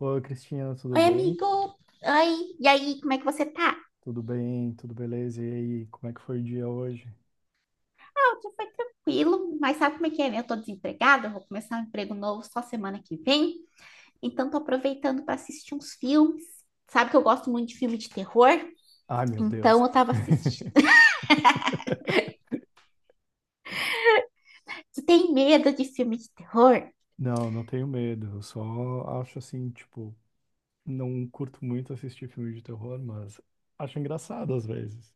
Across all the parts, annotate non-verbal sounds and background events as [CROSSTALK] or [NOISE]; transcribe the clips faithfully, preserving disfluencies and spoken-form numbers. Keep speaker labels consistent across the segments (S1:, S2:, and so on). S1: Oi, Cristina, tudo
S2: Oi,
S1: bem?
S2: amigo. Oi, e aí, como é que você tá?
S1: Tudo bem, tudo beleza? E aí, como é que foi o dia hoje?
S2: Ah, o dia foi tranquilo, mas sabe como é que é, né? Eu tô desempregada, eu vou começar um emprego novo só semana que vem, então tô aproveitando para assistir uns filmes. Sabe que eu gosto muito de filme de terror?
S1: Ai, meu Deus.
S2: Então eu tava assistindo.
S1: [LAUGHS]
S2: Você tem medo de filme de terror?
S1: Não, não tenho medo. Eu só acho assim, tipo, não curto muito assistir filme de terror, mas acho engraçado às vezes.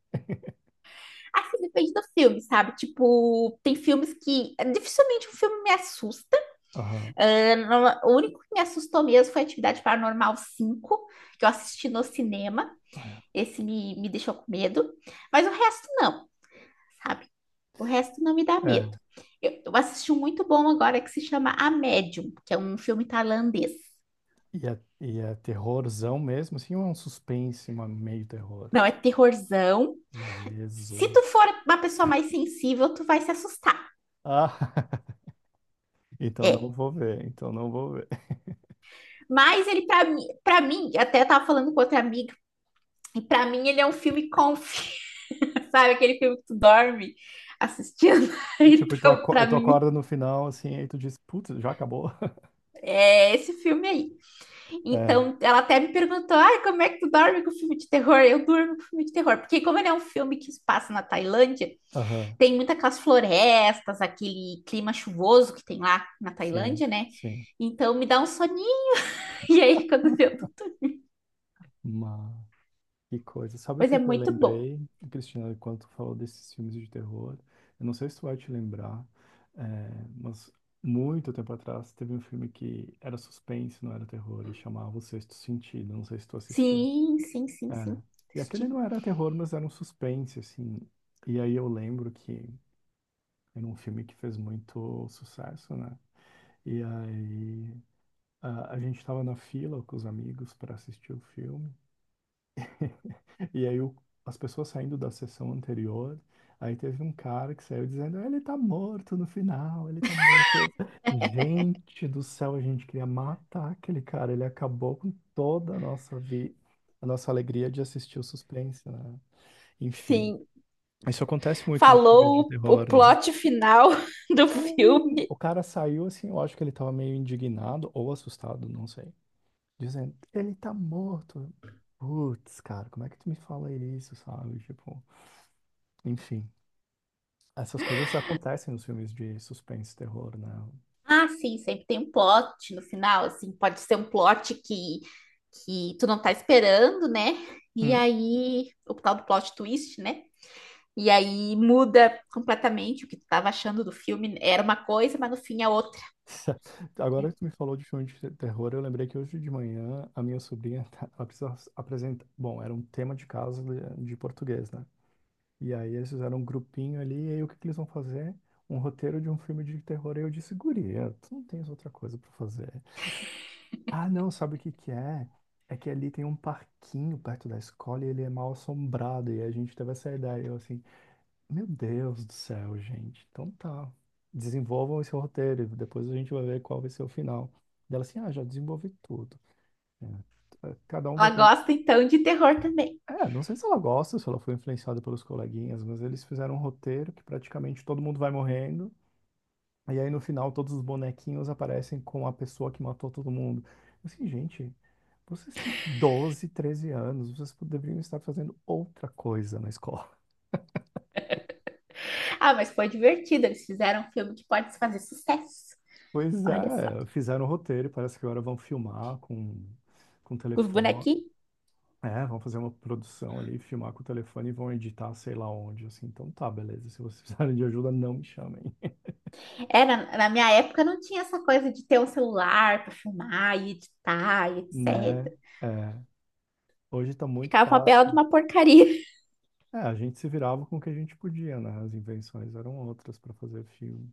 S2: Assim, depende do filme, sabe? Tipo, tem filmes que dificilmente um filme me assusta.
S1: Aham.
S2: Ah, não- o único que me assustou mesmo foi Atividade Paranormal cinco que eu assisti no cinema. Esse me, me deixou com medo, mas o resto não, sabe? O resto não me dá
S1: É. É.
S2: medo. Eu, eu assisti um muito bom agora que se chama A Medium, que é um filme tailandês.
S1: E é, e é terrorzão mesmo, assim, ou é um suspense, uma meio terror?
S2: Não, é terrorzão. Se tu
S1: Jesus.
S2: for uma pessoa mais sensível, tu vai se assustar.
S1: Ah, [LAUGHS] então não
S2: É.
S1: vou ver, então não vou ver.
S2: Mas ele, pra mim, pra mim, até eu tava falando com outra amiga, e pra mim ele é um filme comfy, [LAUGHS] sabe? Aquele filme que tu dorme assistindo. [LAUGHS]
S1: Tipo, e tu,
S2: Então,
S1: aco e
S2: pra
S1: tu
S2: mim,
S1: acorda no final, assim, aí tu diz, putz, já acabou? [LAUGHS]
S2: é esse filme aí.
S1: É,
S2: Então, ela até me perguntou: ai, como é que tu dorme com filme de terror? Eu durmo com filme de terror, porque como ele é um filme que se passa na Tailândia,
S1: aham,
S2: tem muitas aquelas florestas, aquele clima chuvoso que tem lá na
S1: sim,
S2: Tailândia, né?
S1: sim.
S2: Então me dá um soninho. [LAUGHS] E aí, quando eu tô...
S1: Mas, que coisa. Sabe o
S2: Pois
S1: que
S2: é
S1: que eu
S2: muito bom.
S1: lembrei, Cristina, quando tu falou desses filmes de terror? Eu não sei se tu vai te lembrar, é, mas muito tempo atrás teve um filme que era suspense, não era terror, e chamava O Sexto Sentido, não sei se tu assistiu.
S2: Sim, sim, sim,
S1: É.
S2: sim.
S1: E aquele
S2: Assisti.
S1: não era terror, mas era um suspense, assim. E aí eu lembro que era um filme que fez muito sucesso, né? E aí a, a gente estava na fila com os amigos para assistir o filme. E aí o- as pessoas saindo da sessão anterior, aí teve um cara que saiu dizendo, ele tá morto no final, ele tá morto. Gente do céu, a gente queria matar aquele cara. Ele acabou com toda a nossa vi, a nossa alegria de assistir o suspense, né? Enfim.
S2: Sim,
S1: Isso acontece muito nos filmes de
S2: falou o, o
S1: terror, né?
S2: plot final [LAUGHS] do
S1: Sim.
S2: filme.
S1: O cara saiu assim, eu acho que ele tava meio indignado ou assustado, não sei. Dizendo, ele tá morto. Putz, cara, como é que tu me fala isso, sabe? Tipo, enfim, essas coisas acontecem nos filmes de suspense e terror, né?
S2: Ah, sim, sempre tem um plot no final, assim, pode ser um plot que, que tu não tá esperando, né? E
S1: Hum.
S2: aí, o tal do plot twist, né? E aí muda completamente o que tu tava achando do filme, era uma coisa, mas no fim é outra.
S1: [LAUGHS] Agora que tu me falou de filme de terror, eu lembrei que hoje de manhã a minha sobrinha, [LAUGHS] tá- ela precisa apresentar, bom, era um tema de casa de, de português, né? E aí eles fizeram um grupinho ali, e aí o que que eles vão fazer? Um roteiro de um filme de terror, e eu disse, guria, tu não tens outra coisa pra fazer. Ah, não, sabe o que que é? É que ali tem um parquinho perto da escola e ele é mal assombrado. E a gente teve essa ideia. Eu assim, meu Deus do céu, gente. Então tá. Desenvolvam esse roteiro. Depois a gente vai ver qual vai ser o final. Dela assim, ah, já desenvolvi tudo. É, cada um vai
S2: Ela
S1: ter...
S2: gosta então de terror também.
S1: É, não sei se ela gosta, se ela foi influenciada pelos coleguinhas, mas eles fizeram um roteiro que praticamente todo mundo vai morrendo. E aí no final todos os bonequinhos aparecem com a pessoa que matou todo mundo. Eu assim, gente, vocês têm doze, treze anos, vocês poderiam estar fazendo outra coisa na escola. [LAUGHS]
S2: Ah, mas foi divertido, eles fizeram um filme que pode fazer sucesso.
S1: Pois
S2: Olha só.
S1: é, fizeram o roteiro, parece que agora vão filmar com, com,
S2: Com os
S1: telefone.
S2: bonequinhos.
S1: É, vão fazer uma produção ali, filmar com o telefone e vão editar sei lá onde, assim. Então tá, beleza. Se vocês [LAUGHS] precisarem de ajuda, não me chamem,
S2: Era, na minha época não tinha essa coisa de ter um celular para filmar e editar e
S1: [LAUGHS] né?
S2: etcétera.
S1: É, hoje tá muito
S2: Ficava uma bela de
S1: fácil.
S2: uma porcaria.
S1: É, a gente se virava com o que a gente podia, né? As invenções eram outras para fazer filme.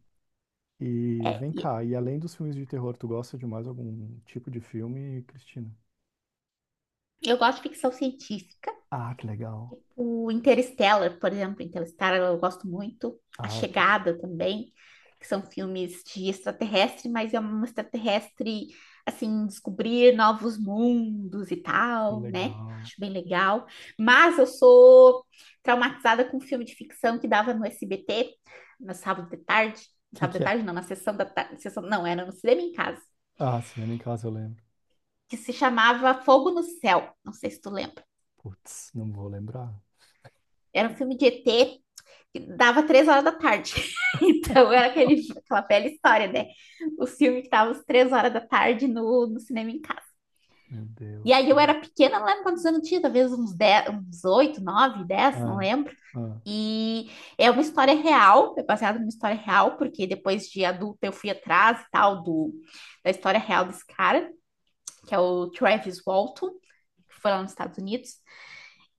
S1: E vem cá, e além dos filmes de terror, tu gosta de mais algum tipo de filme, Cristina?
S2: Eu gosto de ficção científica.
S1: Ah, que legal.
S2: O Interstellar, por exemplo, Interstellar eu gosto muito. A
S1: Ah, que,
S2: Chegada também, que são filmes de extraterrestre, mas é um extraterrestre, assim, descobrir novos mundos e
S1: que
S2: tal, né?
S1: legal.
S2: Acho bem legal. Mas eu sou traumatizada com um filme de ficção que dava no S B T, no sábado de tarde. No
S1: Que
S2: sábado
S1: que
S2: de
S1: é?
S2: tarde, não, na sessão da tarde. Sessão, não, era no cinema em casa.
S1: Ah, Cinema em Casa eu lembro.
S2: Que se chamava Fogo no Céu. Não sei se tu lembra.
S1: Putz, não vou lembrar.
S2: Era um filme de E T, dava três horas da tarde. [LAUGHS] Então era aquele,
S1: [LAUGHS]
S2: aquela velha história, né? O filme que dava às três horas da tarde no, no cinema em casa.
S1: Meu
S2: E
S1: Deus,
S2: aí eu
S1: cara.
S2: era pequena, não lembro quantos anos eu tinha, talvez uns, dez uns oito nove dez não
S1: Ah,
S2: lembro.
S1: ah.
S2: E é uma história real, é baseada numa história real, porque depois de adulta eu fui atrás e tal do, da história real desse cara, que é o Travis Walton, que foi lá nos Estados Unidos.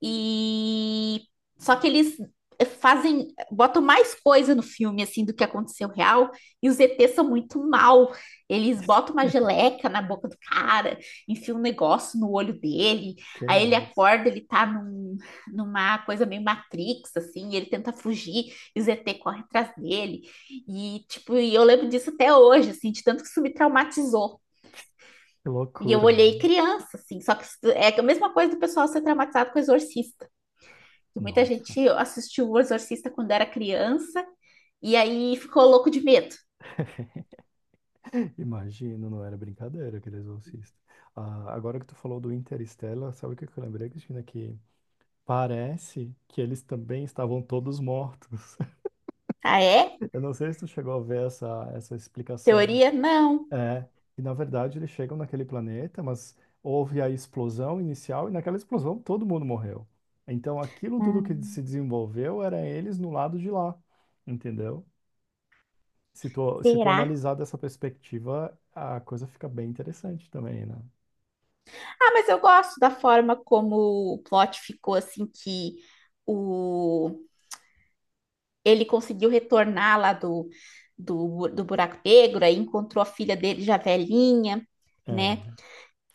S2: E só que eles fazem, botam mais coisa no filme assim do que aconteceu real, e os E Tês são muito mal. Eles botam uma
S1: [LAUGHS]
S2: geleca na boca do cara, enfiam um negócio no olho dele,
S1: Que
S2: aí ele
S1: isso?
S2: acorda, ele tá num, numa coisa meio Matrix, assim, e ele tenta fugir, e os E T correm atrás dele. E, tipo, e eu lembro disso até hoje, assim, de tanto que isso me traumatizou.
S1: Que
S2: E eu
S1: loucura,
S2: olhei
S1: mano.
S2: criança, assim, só que é a mesma coisa do pessoal ser traumatizado com exorcista, que muita
S1: Nossa.
S2: gente assistiu O Exorcista quando era criança e aí ficou louco de medo.
S1: Imagino, não era brincadeira aquele exorcista. Ah, agora que tu falou do Interstellar, sabe o que que eu lembrei, Cristina? Que parece que eles também estavam todos mortos.
S2: Ah, é?
S1: [LAUGHS] Eu não sei se tu chegou a ver essa, essa explicação.
S2: Teoria? Não.
S1: É, e na verdade eles chegam naquele planeta, mas houve a explosão inicial e naquela explosão todo mundo morreu. Então aquilo tudo
S2: Hum.
S1: que se desenvolveu era eles no lado de lá, entendeu? Se tu, se tu
S2: Será?
S1: analisar dessa perspectiva, a coisa fica bem interessante também, né?
S2: Ah, mas eu gosto da forma como o plot ficou, assim, que o ele conseguiu retornar lá do, do, do buraco negro, aí encontrou a filha dele já velhinha, né?
S1: É.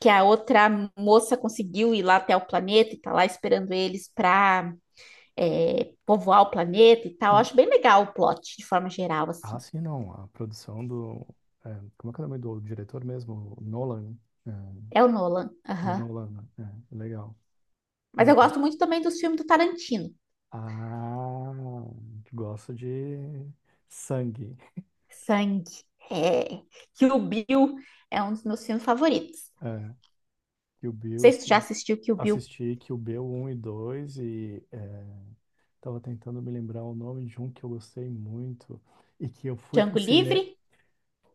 S2: Que a outra moça conseguiu ir lá até o planeta e tá lá esperando eles para, é, povoar o planeta e tal. Eu
S1: Hum.
S2: acho bem legal o plot, de forma geral,
S1: Ah,
S2: assim.
S1: sim, não. A produção do. É, como é que é o nome do diretor mesmo? O Nolan. Né? É.
S2: É o Nolan.
S1: É
S2: Aham.
S1: do Holanda. É, legal.
S2: Mas
S1: Não
S2: eu
S1: tem.
S2: gosto muito também dos filmes do Tarantino.
S1: Ah, gosto de sangue.
S2: Sangue. É. Kill Bill é um dos meus filmes favoritos. Não
S1: É, Kill Bill,
S2: sei se tu já
S1: sim.
S2: assistiu Kill Bill.
S1: Assisti Kill Bill um e dois e é, tava tentando me lembrar o nome de um que eu gostei muito e que eu fui pro
S2: Django
S1: cinema.
S2: Livre,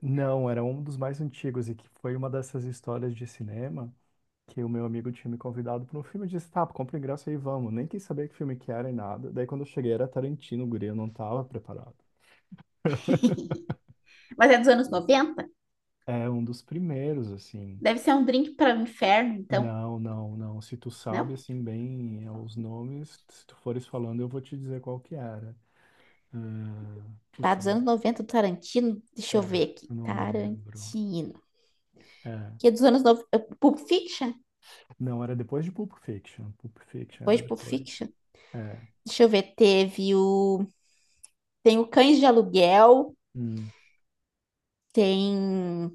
S1: Não, era um dos mais antigos e que foi uma dessas histórias de cinema que o meu amigo tinha me convidado para um filme. Eu disse, tá, compra o ingresso aí, vamos. Nem quis saber que filme que era e nada. Daí quando eu cheguei era Tarantino, o guri, eu não tava preparado.
S2: mas é dos anos noventa.
S1: É um dos primeiros, assim.
S2: Deve ser um drink para o inferno, então.
S1: Não, não, não. Se tu sabe,
S2: Não?
S1: assim, bem é, os nomes, se tu fores falando, eu vou te dizer qual que era. Ah,
S2: Tá
S1: putz,
S2: dos anos
S1: agora.
S2: noventa do Tarantino. Deixa eu
S1: É,
S2: ver aqui.
S1: eu não lembro.
S2: Tarantino.
S1: É.
S2: Que é dos anos noventa Pulp Fiction.
S1: Não, era depois de Pulp Fiction. Pulp Fiction
S2: Depois
S1: era
S2: de Pulp
S1: depois.
S2: Fiction.
S1: É.
S2: Deixa eu ver. Teve o Tem o Cães de Aluguel,
S1: Hum,
S2: tem.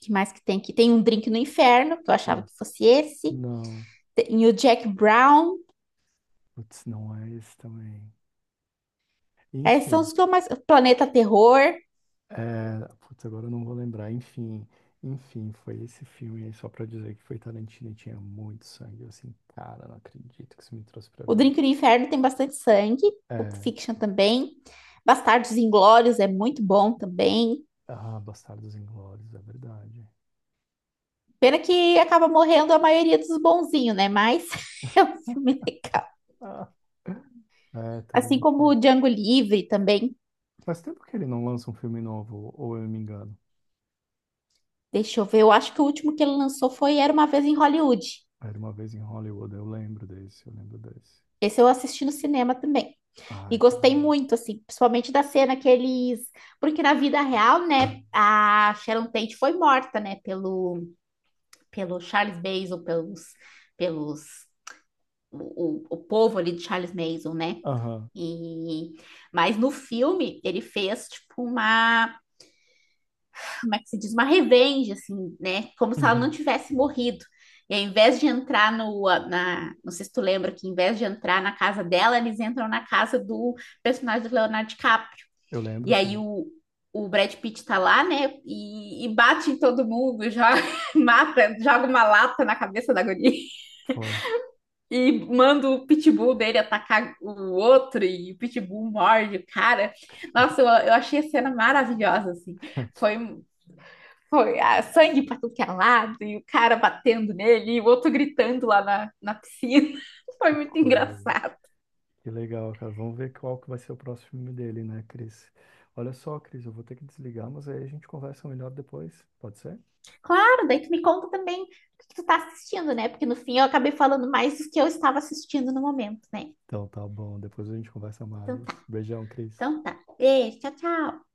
S2: Que mais que tem aqui? Tem um Drink no Inferno, que eu
S1: é.
S2: achava que fosse esse.
S1: Não.
S2: Tem o Jack Brown.
S1: Putz, não é esse também.
S2: Esses são
S1: Enfim.
S2: os que eu mais. Planeta Terror.
S1: É, putz, agora eu não vou lembrar. Enfim, enfim, foi esse filme aí só pra dizer que foi Tarantino e tinha muito sangue. Eu assim, cara, não acredito que isso me trouxe pra
S2: O
S1: ver.
S2: Drink no Inferno tem bastante sangue. O
S1: É,
S2: Fiction também. Bastardos Inglórios é muito bom também.
S1: ah, Bastardos Inglórios, é verdade.
S2: Pena que acaba morrendo a maioria dos bonzinhos, né? Mas [LAUGHS] é um filme legal.
S1: Ah, é,
S2: Assim como o
S1: Tarantino.
S2: Django Livre também.
S1: Faz tempo que ele não lança um filme novo, ou eu me engano.
S2: Deixa eu ver, eu acho que o último que ele lançou foi Era Uma Vez em Hollywood.
S1: Era uma vez em Hollywood, eu lembro desse, eu lembro desse.
S2: Esse eu assisti no cinema também. E
S1: Ai, tão
S2: gostei
S1: bom.
S2: muito, assim, principalmente da cena que eles. Porque na vida real, né, a Sharon Tate foi morta, né, pelo, pelo Charles Manson, pelos, pelos o, o, o povo ali de Charles Manson, né?
S1: Aham,
S2: E, mas no filme ele fez tipo uma, como é que se diz, uma revenge, assim, né? Como se ela não
S1: uhum.
S2: tivesse morrido. E ao invés de entrar no, na, não sei se tu lembra que, em vez de entrar na casa dela, eles entram na casa do personagem do Leonardo DiCaprio.
S1: Eu
S2: E
S1: lembro,
S2: aí
S1: sim.
S2: o, o Brad Pitt tá lá, né? E, e bate em todo mundo, joga, [LAUGHS] mata, joga uma lata na cabeça da guria [LAUGHS]
S1: Pô,
S2: e manda o pitbull dele atacar o outro e o pitbull morde o cara. Nossa, eu, eu achei a cena maravilhosa, assim.
S1: [LAUGHS]
S2: Foi, foi ah, sangue pra tudo que é lado e o cara batendo nele e o outro gritando lá na, na piscina. [LAUGHS] Foi
S1: que
S2: muito
S1: coisa.
S2: engraçado.
S1: Que legal, cara. Vamos ver qual que vai ser o próximo filme dele, né, Cris? Olha só, Cris, eu vou ter que desligar, mas aí a gente conversa melhor depois, pode ser?
S2: Claro, daí tu me conta também o que que tu tá assistindo, né? Porque no fim eu acabei falando mais do que eu estava assistindo no momento, né?
S1: Então tá bom, depois a gente conversa
S2: Então tá,
S1: mais. Beijão, Cris.
S2: então tá. Beijo, tchau, tchau.